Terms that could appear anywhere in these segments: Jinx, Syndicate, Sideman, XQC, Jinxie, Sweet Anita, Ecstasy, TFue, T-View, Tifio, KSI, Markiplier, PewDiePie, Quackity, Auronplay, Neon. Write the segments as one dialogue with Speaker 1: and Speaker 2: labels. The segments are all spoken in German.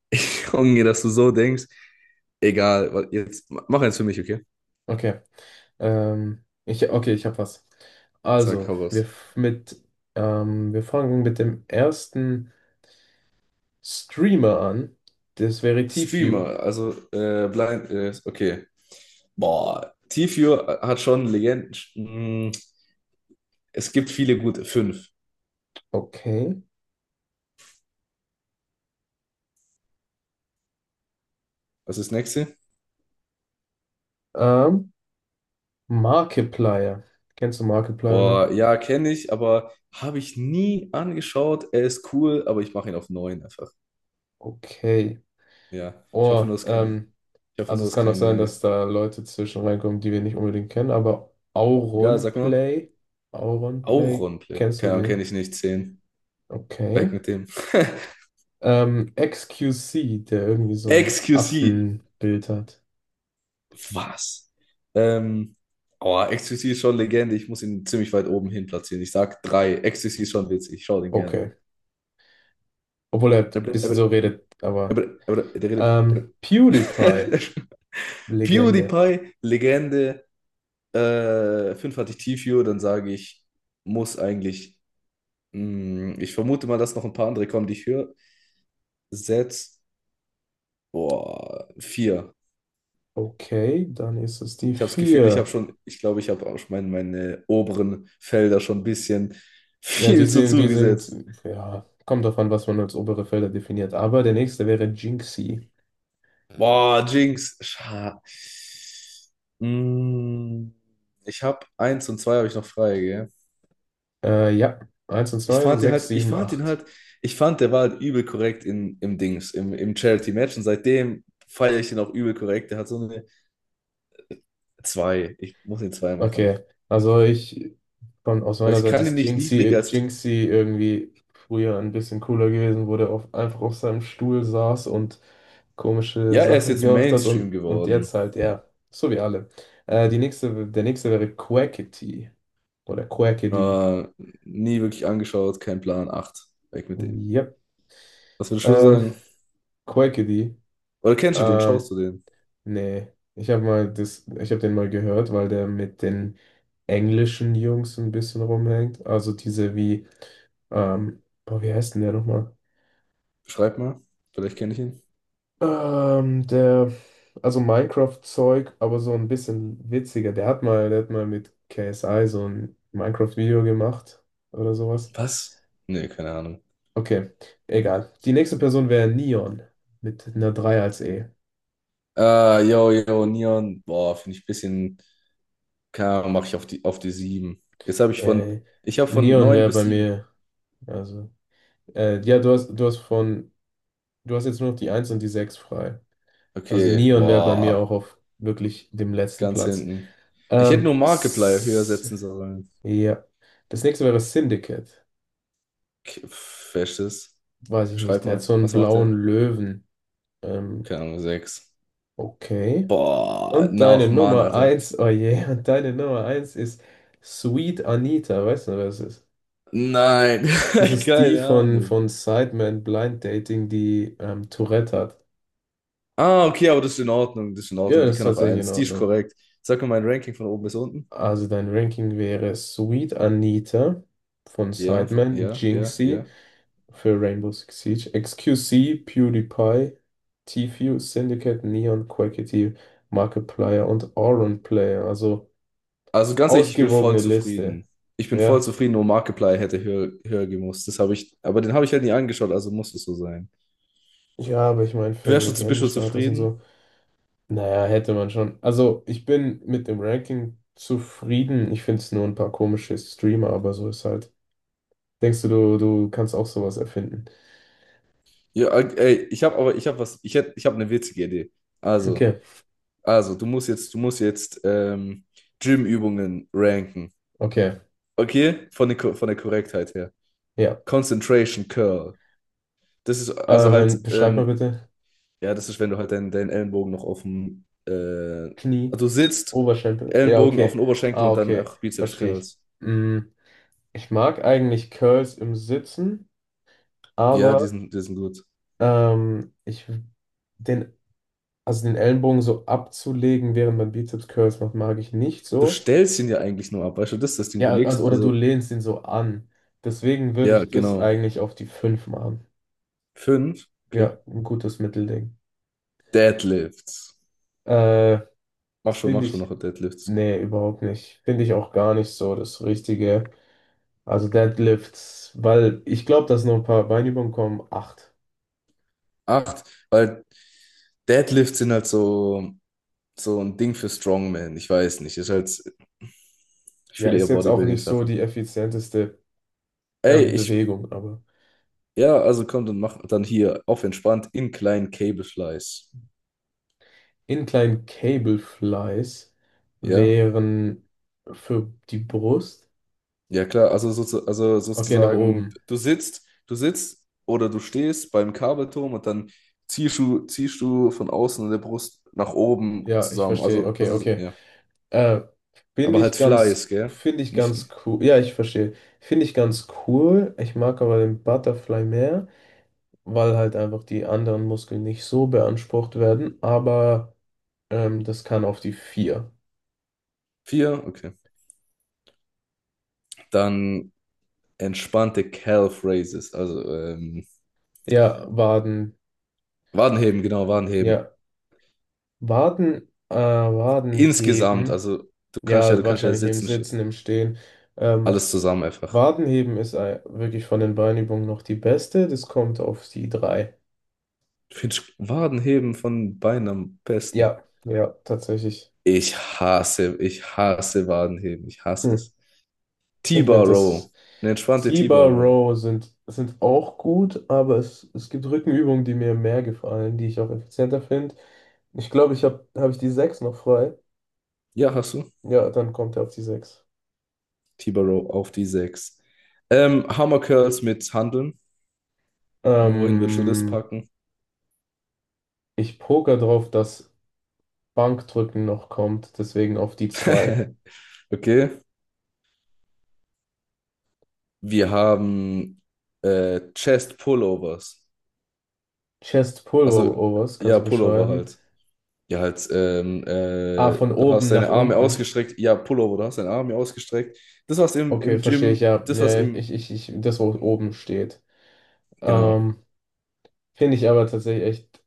Speaker 1: Ich hoffe, dass du so denkst. Egal, weil jetzt mach eins für mich, okay?
Speaker 2: Okay. Okay, ich habe was.
Speaker 1: Sag,
Speaker 2: Also,
Speaker 1: hau raus.
Speaker 2: wir fangen mit dem ersten Streamer an. Das wäre TFue.
Speaker 1: Streamer, also Blind, okay. Boah, Tifio hat schon Legenden. Es gibt viele gute. Fünf.
Speaker 2: Okay.
Speaker 1: Was ist das nächste?
Speaker 2: Ähm, Markiplier. Kennst du Markiplier noch?
Speaker 1: Boah, ja, kenne ich, aber habe ich nie angeschaut. Er ist cool, aber ich mache ihn auf neun einfach.
Speaker 2: Okay.
Speaker 1: Ja, ich hoffe
Speaker 2: Oh,
Speaker 1: nur, es ist keine. Ich hoffe
Speaker 2: also
Speaker 1: nur,
Speaker 2: es
Speaker 1: es ist
Speaker 2: kann auch sein, dass
Speaker 1: keine.
Speaker 2: da Leute zwischen reinkommen, die wir nicht unbedingt kennen, aber
Speaker 1: Egal, sag mal.
Speaker 2: Auronplay. Auronplay,
Speaker 1: Auronplay.
Speaker 2: kennst du
Speaker 1: Keine Ahnung, kenne
Speaker 2: den?
Speaker 1: ich nicht. Zehn. Weg
Speaker 2: Okay.
Speaker 1: mit dem.
Speaker 2: XQC, der irgendwie so ein
Speaker 1: XQC.
Speaker 2: Affenbild hat.
Speaker 1: Was? Ähm, oh, Ecstasy ist schon Legende. Ich muss ihn ziemlich weit oben hin platzieren. Ich sag drei. Ecstasy ist schon witzig. Ich schaue den
Speaker 2: Okay.
Speaker 1: gerne
Speaker 2: Obwohl er ein bisschen so
Speaker 1: an.
Speaker 2: redet, aber. PewDiePie, Legende.
Speaker 1: PewDiePie, Legende. Fünf hatte ich T-View. Muss eigentlich. Ich vermute mal, dass noch ein paar andere kommen, die ich höre. Setz. Boah, vier.
Speaker 2: Okay, dann ist es die
Speaker 1: Ich habe das Gefühl,
Speaker 2: vier.
Speaker 1: ich glaube, ich habe auch schon meine oberen Felder schon ein bisschen
Speaker 2: Ja,
Speaker 1: viel zu zugesetzt.
Speaker 2: ja, kommt drauf an, was man als obere Felder definiert. Aber der nächste wäre Jinxie.
Speaker 1: Boah, Jinx. Scha, mm, ich habe eins und zwei habe ich noch frei, gell?
Speaker 2: Ja, eins und zwei, sechs,
Speaker 1: Ich
Speaker 2: sieben,
Speaker 1: fand ihn
Speaker 2: acht.
Speaker 1: halt, ich fand, der war halt übel korrekt im Dings, im Charity-Match und seitdem feiere ich den auch übel korrekt. Der hat so eine zwei. Ich muss den zwei machen.
Speaker 2: Okay, also ich aus
Speaker 1: Weil
Speaker 2: meiner
Speaker 1: ich
Speaker 2: Seite
Speaker 1: kann ihn
Speaker 2: ist
Speaker 1: nicht niedriger
Speaker 2: Jinxie,
Speaker 1: als.
Speaker 2: Jinxie irgendwie früher ein bisschen cooler gewesen, wo der einfach auf seinem Stuhl saß und komische
Speaker 1: Ja, er ist
Speaker 2: Sachen
Speaker 1: jetzt
Speaker 2: gemacht hat
Speaker 1: Mainstream
Speaker 2: und
Speaker 1: geworden.
Speaker 2: jetzt halt, ja, so wie alle. Der nächste wäre Quackity oder Quackity.
Speaker 1: Aber nie wirklich angeschaut, kein Plan. Acht. Weg mit dem.
Speaker 2: Yep.
Speaker 1: Was würdest du
Speaker 2: Ähm,
Speaker 1: sagen?
Speaker 2: Quackity.
Speaker 1: Oder kennst du den?
Speaker 2: Ähm,
Speaker 1: Schaust du den?
Speaker 2: nee, ich habe den mal gehört, weil der mit den englischen Jungs ein bisschen rumhängt. Also diese, boah, wie heißt denn der nochmal?
Speaker 1: Schreib mal. Vielleicht kenne ich ihn.
Speaker 2: Ähm, der, also Minecraft-Zeug, aber so ein bisschen witziger. Der hat mal mit KSI so ein Minecraft-Video gemacht oder sowas.
Speaker 1: Was? Nee, keine Ahnung.
Speaker 2: Okay, egal. Die nächste Person wäre Neon mit einer 3 als E.
Speaker 1: Ah, yo, yo, Neon. Boah, finde ich ein bisschen. Keine Ahnung, mache ich auf auf die 7. Jetzt habe ich von.
Speaker 2: Äh,
Speaker 1: Ich habe von
Speaker 2: Neon
Speaker 1: neun
Speaker 2: wäre
Speaker 1: bis
Speaker 2: bei
Speaker 1: sieben.
Speaker 2: mir, also, ja, du hast jetzt nur noch die eins und die 6 frei. Also
Speaker 1: Okay,
Speaker 2: Neon wäre bei mir
Speaker 1: boah,
Speaker 2: auch auf wirklich dem letzten
Speaker 1: ganz
Speaker 2: Platz.
Speaker 1: hinten. Ich hätte nur Markiplier höher
Speaker 2: S
Speaker 1: setzen sollen.
Speaker 2: ja. Das nächste wäre Syndicate.
Speaker 1: K- pf, wer ist das?
Speaker 2: Weiß ich nicht,
Speaker 1: Beschreib
Speaker 2: der hat so
Speaker 1: mal,
Speaker 2: einen
Speaker 1: was macht
Speaker 2: blauen
Speaker 1: der?
Speaker 2: Löwen. Ähm,
Speaker 1: Keine Ahnung, sechs.
Speaker 2: okay.
Speaker 1: Boah, nach Mann, Alter.
Speaker 2: Oh je, und deine Nummer eins ist Sweet Anita, weißt du, wer das ist?
Speaker 1: Nein,
Speaker 2: Das ist die
Speaker 1: keine
Speaker 2: von,
Speaker 1: Ahnung.
Speaker 2: von Sideman Blind Dating, die Tourette hat.
Speaker 1: Ah, okay, aber das ist in Ordnung, das ist in
Speaker 2: Ja,
Speaker 1: Ordnung. Die
Speaker 2: das ist
Speaker 1: kann auf
Speaker 2: tatsächlich in
Speaker 1: eins. Die ist
Speaker 2: Ordnung.
Speaker 1: korrekt. Sag mir mein Ranking von oben bis unten.
Speaker 2: Also dein Ranking wäre Sweet Anita von
Speaker 1: Ja,
Speaker 2: Sideman,
Speaker 1: ja, ja,
Speaker 2: Jinxie,
Speaker 1: ja.
Speaker 2: für Rainbow Six Siege, XQC, PewDiePie, Tfue, Syndicate, Neon, Quackity, Markiplier und Auron Player. Also
Speaker 1: Also ganz ehrlich, ich bin voll
Speaker 2: ausgewogene Liste.
Speaker 1: zufrieden. Ich bin voll
Speaker 2: Ja.
Speaker 1: zufrieden, nur Markiplier hätte höher gemusst. Das habe ich, aber den habe ich halt nie angeschaut, also muss es so sein.
Speaker 2: Ja, aber ich meine, für einen
Speaker 1: Bist du
Speaker 2: Legendenstatus und
Speaker 1: zufrieden?
Speaker 2: so. Naja, hätte man schon. Also, ich bin mit dem Ranking zufrieden. Ich finde es nur ein paar komische Streamer, aber so ist halt. Denkst du kannst auch sowas erfinden?
Speaker 1: Ja, ey, ich habe eine witzige Idee. Also,
Speaker 2: Okay,
Speaker 1: also, du musst jetzt Gym-Übungen ranken.
Speaker 2: okay,
Speaker 1: Okay? Von der, Ko- von der Korrektheit her.
Speaker 2: ja.
Speaker 1: Concentration Curl. Das ist also halt
Speaker 2: Wenn, beschreib mal
Speaker 1: ähm.
Speaker 2: bitte.
Speaker 1: Ja, das ist, wenn du halt deinen Ellenbogen noch auf dem,
Speaker 2: Knie,
Speaker 1: also du sitzt,
Speaker 2: Oberschenkel. Ja,
Speaker 1: Ellenbogen auf
Speaker 2: okay.
Speaker 1: den Oberschenkel
Speaker 2: Ah,
Speaker 1: und dann
Speaker 2: okay.
Speaker 1: auch Bizeps
Speaker 2: Verstehe ich.
Speaker 1: Curls.
Speaker 2: Mm, ich mag eigentlich Curls im Sitzen,
Speaker 1: Ja,
Speaker 2: aber
Speaker 1: die sind gut.
Speaker 2: ähm, ich den, also den Ellenbogen so abzulegen, während man Bizeps Curls macht, mag ich nicht
Speaker 1: Du
Speaker 2: so.
Speaker 1: stellst ihn ja eigentlich nur ab, weißt du, das ist das Ding, du
Speaker 2: Ja, also
Speaker 1: legst,
Speaker 2: oder du
Speaker 1: also,
Speaker 2: lehnst ihn so an. Deswegen würde
Speaker 1: ja,
Speaker 2: ich das
Speaker 1: genau.
Speaker 2: eigentlich auf die 5 machen.
Speaker 1: Fünf,
Speaker 2: Ja,
Speaker 1: okay.
Speaker 2: ein gutes Mittelding.
Speaker 1: Deadlifts.
Speaker 2: Äh,
Speaker 1: Mach
Speaker 2: finde
Speaker 1: schon
Speaker 2: ich,
Speaker 1: noch Deadlifts.
Speaker 2: nee, überhaupt nicht. Finde ich auch gar nicht so das Richtige. Also Deadlifts, weil ich glaube, dass noch ein paar Beinübungen kommen. Acht.
Speaker 1: Acht, weil Deadlifts sind halt so, so ein Ding für Strongman, ich weiß nicht, ist halt, ich
Speaker 2: Ja,
Speaker 1: fühle eher
Speaker 2: ist jetzt auch nicht so
Speaker 1: Bodybuilding-Sachen.
Speaker 2: die effizienteste
Speaker 1: Ey, ich.
Speaker 2: Bewegung, aber
Speaker 1: Ja, also komm, dann mach dann hier auf entspannt in kleinen Cable-Flies.
Speaker 2: Incline Cable Flies
Speaker 1: Ja,
Speaker 2: wären für die Brust.
Speaker 1: ja klar, also, also
Speaker 2: Okay, nach
Speaker 1: sozusagen,
Speaker 2: oben.
Speaker 1: du sitzt oder du stehst beim Kabelturm und dann ziehst du von außen in der Brust nach oben
Speaker 2: Ja, ich
Speaker 1: zusammen.
Speaker 2: verstehe. Okay,
Speaker 1: Also
Speaker 2: okay.
Speaker 1: ja,
Speaker 2: Äh,
Speaker 1: aber halt Flies, gell?
Speaker 2: finde ich
Speaker 1: Nicht,
Speaker 2: ganz
Speaker 1: nicht.
Speaker 2: cool. Ja, ich verstehe. Finde ich ganz cool. Ich mag aber den Butterfly mehr, weil halt einfach die anderen Muskeln nicht so beansprucht werden. Aber das kann auf die vier.
Speaker 1: Vier, okay. Dann entspannte Calf Raises, also
Speaker 2: Ja, Waden.
Speaker 1: Wadenheben, genau, Wadenheben.
Speaker 2: Ja, Waden
Speaker 1: Insgesamt,
Speaker 2: heben.
Speaker 1: also
Speaker 2: Ja,
Speaker 1: du kannst ja
Speaker 2: wahrscheinlich im
Speaker 1: sitzen, stehen.
Speaker 2: Sitzen, im Stehen. Ähm,
Speaker 1: Alles zusammen einfach.
Speaker 2: Waden heben ist wirklich von den Beinübungen noch die beste. Das kommt auf die drei.
Speaker 1: Ich finde Wadenheben von Beinen am besten.
Speaker 2: Ja, ja, tatsächlich.
Speaker 1: Ich hasse Wadenheben. Ich hasse
Speaker 2: Hm.
Speaker 1: es.
Speaker 2: Ich finde
Speaker 1: T-Bar Row.
Speaker 2: das
Speaker 1: Eine entspannte T-Bar
Speaker 2: T-Bar
Speaker 1: Row.
Speaker 2: Row sind auch gut, aber es gibt Rückenübungen, die mir mehr gefallen, die ich auch effizienter finde. Ich glaube, ich habe habe ich die 6 noch frei.
Speaker 1: Ja, hast du?
Speaker 2: Ja, dann kommt er auf die sechs.
Speaker 1: T-Bar Row auf die 6. Hammer Curls mit Handeln. Wohin würdest du das
Speaker 2: Ähm,
Speaker 1: packen?
Speaker 2: ich poker drauf, dass Bankdrücken noch kommt, deswegen auf die zwei.
Speaker 1: Okay. Wir haben Chest Pullovers.
Speaker 2: Chest
Speaker 1: Also,
Speaker 2: Pullovers, kannst
Speaker 1: ja,
Speaker 2: du
Speaker 1: Pullover
Speaker 2: beschreiben?
Speaker 1: halt. Ja, halt,
Speaker 2: Ah, von
Speaker 1: du
Speaker 2: oben
Speaker 1: hast
Speaker 2: nach
Speaker 1: deine Arme
Speaker 2: unten.
Speaker 1: ausgestreckt. Ja, Pullover, du hast deine Arme ausgestreckt.
Speaker 2: Okay,
Speaker 1: Im
Speaker 2: verstehe ich,
Speaker 1: Gym,
Speaker 2: ja.
Speaker 1: das, was
Speaker 2: Ja,
Speaker 1: im.
Speaker 2: das, wo oben steht.
Speaker 1: Genau.
Speaker 2: Ähm, finde ich aber tatsächlich echt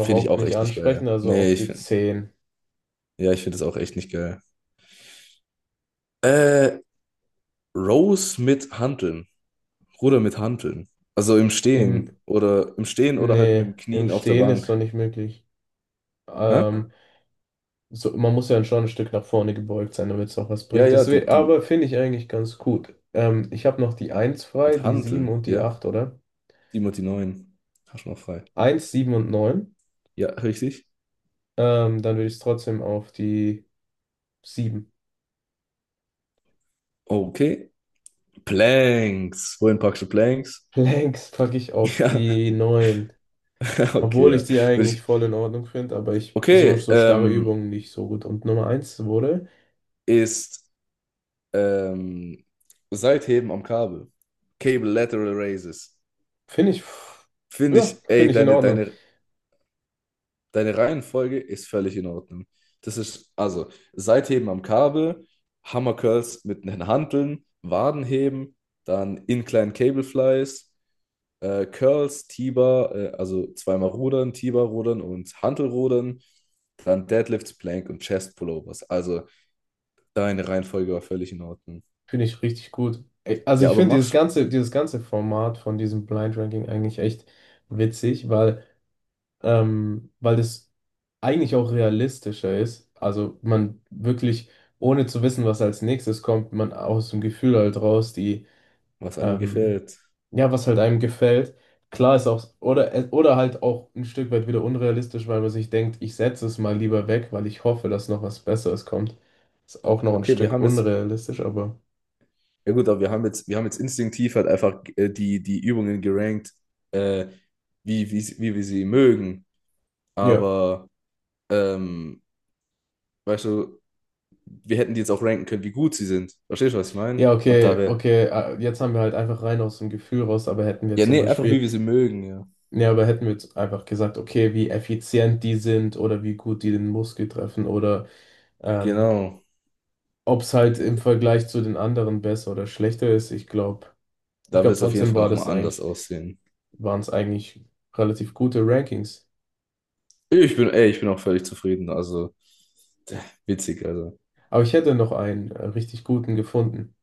Speaker 1: Finde ich auch
Speaker 2: nicht
Speaker 1: echt nicht geil.
Speaker 2: ansprechend, also
Speaker 1: Nee,
Speaker 2: auf
Speaker 1: ich
Speaker 2: die
Speaker 1: finde.
Speaker 2: zehn.
Speaker 1: Ja, ich finde das auch echt nicht geil. Äh, Rows mit Hanteln. Ruder mit Hanteln. Also im
Speaker 2: Im,
Speaker 1: Stehen. Oder im Stehen oder halt mit
Speaker 2: nee,
Speaker 1: dem
Speaker 2: im
Speaker 1: Knien auf der
Speaker 2: Stehen ist
Speaker 1: Bank.
Speaker 2: doch nicht möglich.
Speaker 1: Hä?
Speaker 2: Ähm, so, man muss ja schon ein Stück nach vorne gebeugt sein, damit es auch was
Speaker 1: Ja,
Speaker 2: bringt.
Speaker 1: ja,
Speaker 2: Deswegen,
Speaker 1: du.
Speaker 2: aber finde ich eigentlich ganz gut. Ich habe noch die eins frei,
Speaker 1: Mit
Speaker 2: die sieben
Speaker 1: Hanteln,
Speaker 2: und die
Speaker 1: ja.
Speaker 2: 8 oder?
Speaker 1: sieben und die neun. Hast du noch frei.
Speaker 2: Eins, 7 und neun.
Speaker 1: Ja, richtig.
Speaker 2: Dann würde ich es trotzdem auf die sieben.
Speaker 1: Okay. Planks. Wohin packst du Planks?
Speaker 2: Planks packe ich auf
Speaker 1: Ja.
Speaker 2: die neun.
Speaker 1: Okay,
Speaker 2: Obwohl ich
Speaker 1: ja.
Speaker 2: die
Speaker 1: Würde
Speaker 2: eigentlich
Speaker 1: ich,
Speaker 2: voll in Ordnung finde, aber ich so,
Speaker 1: okay,
Speaker 2: so starre Übungen nicht so gut. Und Nummer eins wurde,
Speaker 1: ist ähm, Seitheben am Kabel. Cable Lateral Raises.
Speaker 2: finde ich,
Speaker 1: Finde ich,
Speaker 2: ja,
Speaker 1: ey,
Speaker 2: finde ich in Ordnung.
Speaker 1: deine Reihenfolge ist völlig in Ordnung. Das ist, also, Seitheben am Kabel, Hammer Curls mit den Hanteln, Wadenheben, dann Incline Cable Flies, Curls, also zweimal Rudern, T-Bar rudern und Hantelrudern, dann Deadlifts, Plank und Chest Pullovers. Also, deine Reihenfolge war völlig in Ordnung.
Speaker 2: Finde ich richtig gut. Ey, also
Speaker 1: Ja,
Speaker 2: ich
Speaker 1: aber
Speaker 2: finde dieses
Speaker 1: mach's,
Speaker 2: ganze, Format von diesem Blind Ranking eigentlich echt witzig, weil das eigentlich auch realistischer ist. Also man wirklich, ohne zu wissen, was als nächstes kommt, man aus dem Gefühl halt raus,
Speaker 1: was einem
Speaker 2: ähm,
Speaker 1: gefällt.
Speaker 2: ja, was halt einem gefällt. Klar ist auch, oder halt auch ein Stück weit wieder unrealistisch, weil man sich denkt, ich setze es mal lieber weg, weil ich hoffe, dass noch was Besseres kommt. Ist auch noch ein
Speaker 1: Okay, wir
Speaker 2: Stück
Speaker 1: haben jetzt,
Speaker 2: unrealistisch, aber
Speaker 1: ja gut, aber wir haben jetzt instinktiv halt einfach die Übungen gerankt, äh, wie wir sie mögen.
Speaker 2: ja.
Speaker 1: Aber, ähm, weißt du, wir hätten die jetzt auch ranken können, wie gut sie sind. Verstehst du, was ich meine?
Speaker 2: Ja,
Speaker 1: Und da
Speaker 2: okay,
Speaker 1: wir,
Speaker 2: okay. Jetzt haben wir halt einfach rein aus dem Gefühl raus, aber hätten wir
Speaker 1: ja,
Speaker 2: zum
Speaker 1: nee, einfach wie
Speaker 2: Beispiel,
Speaker 1: wir sie mögen, ja.
Speaker 2: nee, aber hätten wir jetzt einfach gesagt, okay, wie effizient die sind oder wie gut die den Muskel treffen oder ähm,
Speaker 1: Genau.
Speaker 2: ob es halt im
Speaker 1: Und
Speaker 2: Vergleich zu den anderen besser oder schlechter ist. Ich glaube, ich
Speaker 1: da
Speaker 2: glaube
Speaker 1: wird es auf jeden
Speaker 2: trotzdem
Speaker 1: Fall nochmal anders aussehen.
Speaker 2: waren es eigentlich relativ gute Rankings.
Speaker 1: Ich bin auch völlig zufrieden. Also, witzig, also.
Speaker 2: Aber ich hätte noch einen richtig guten gefunden.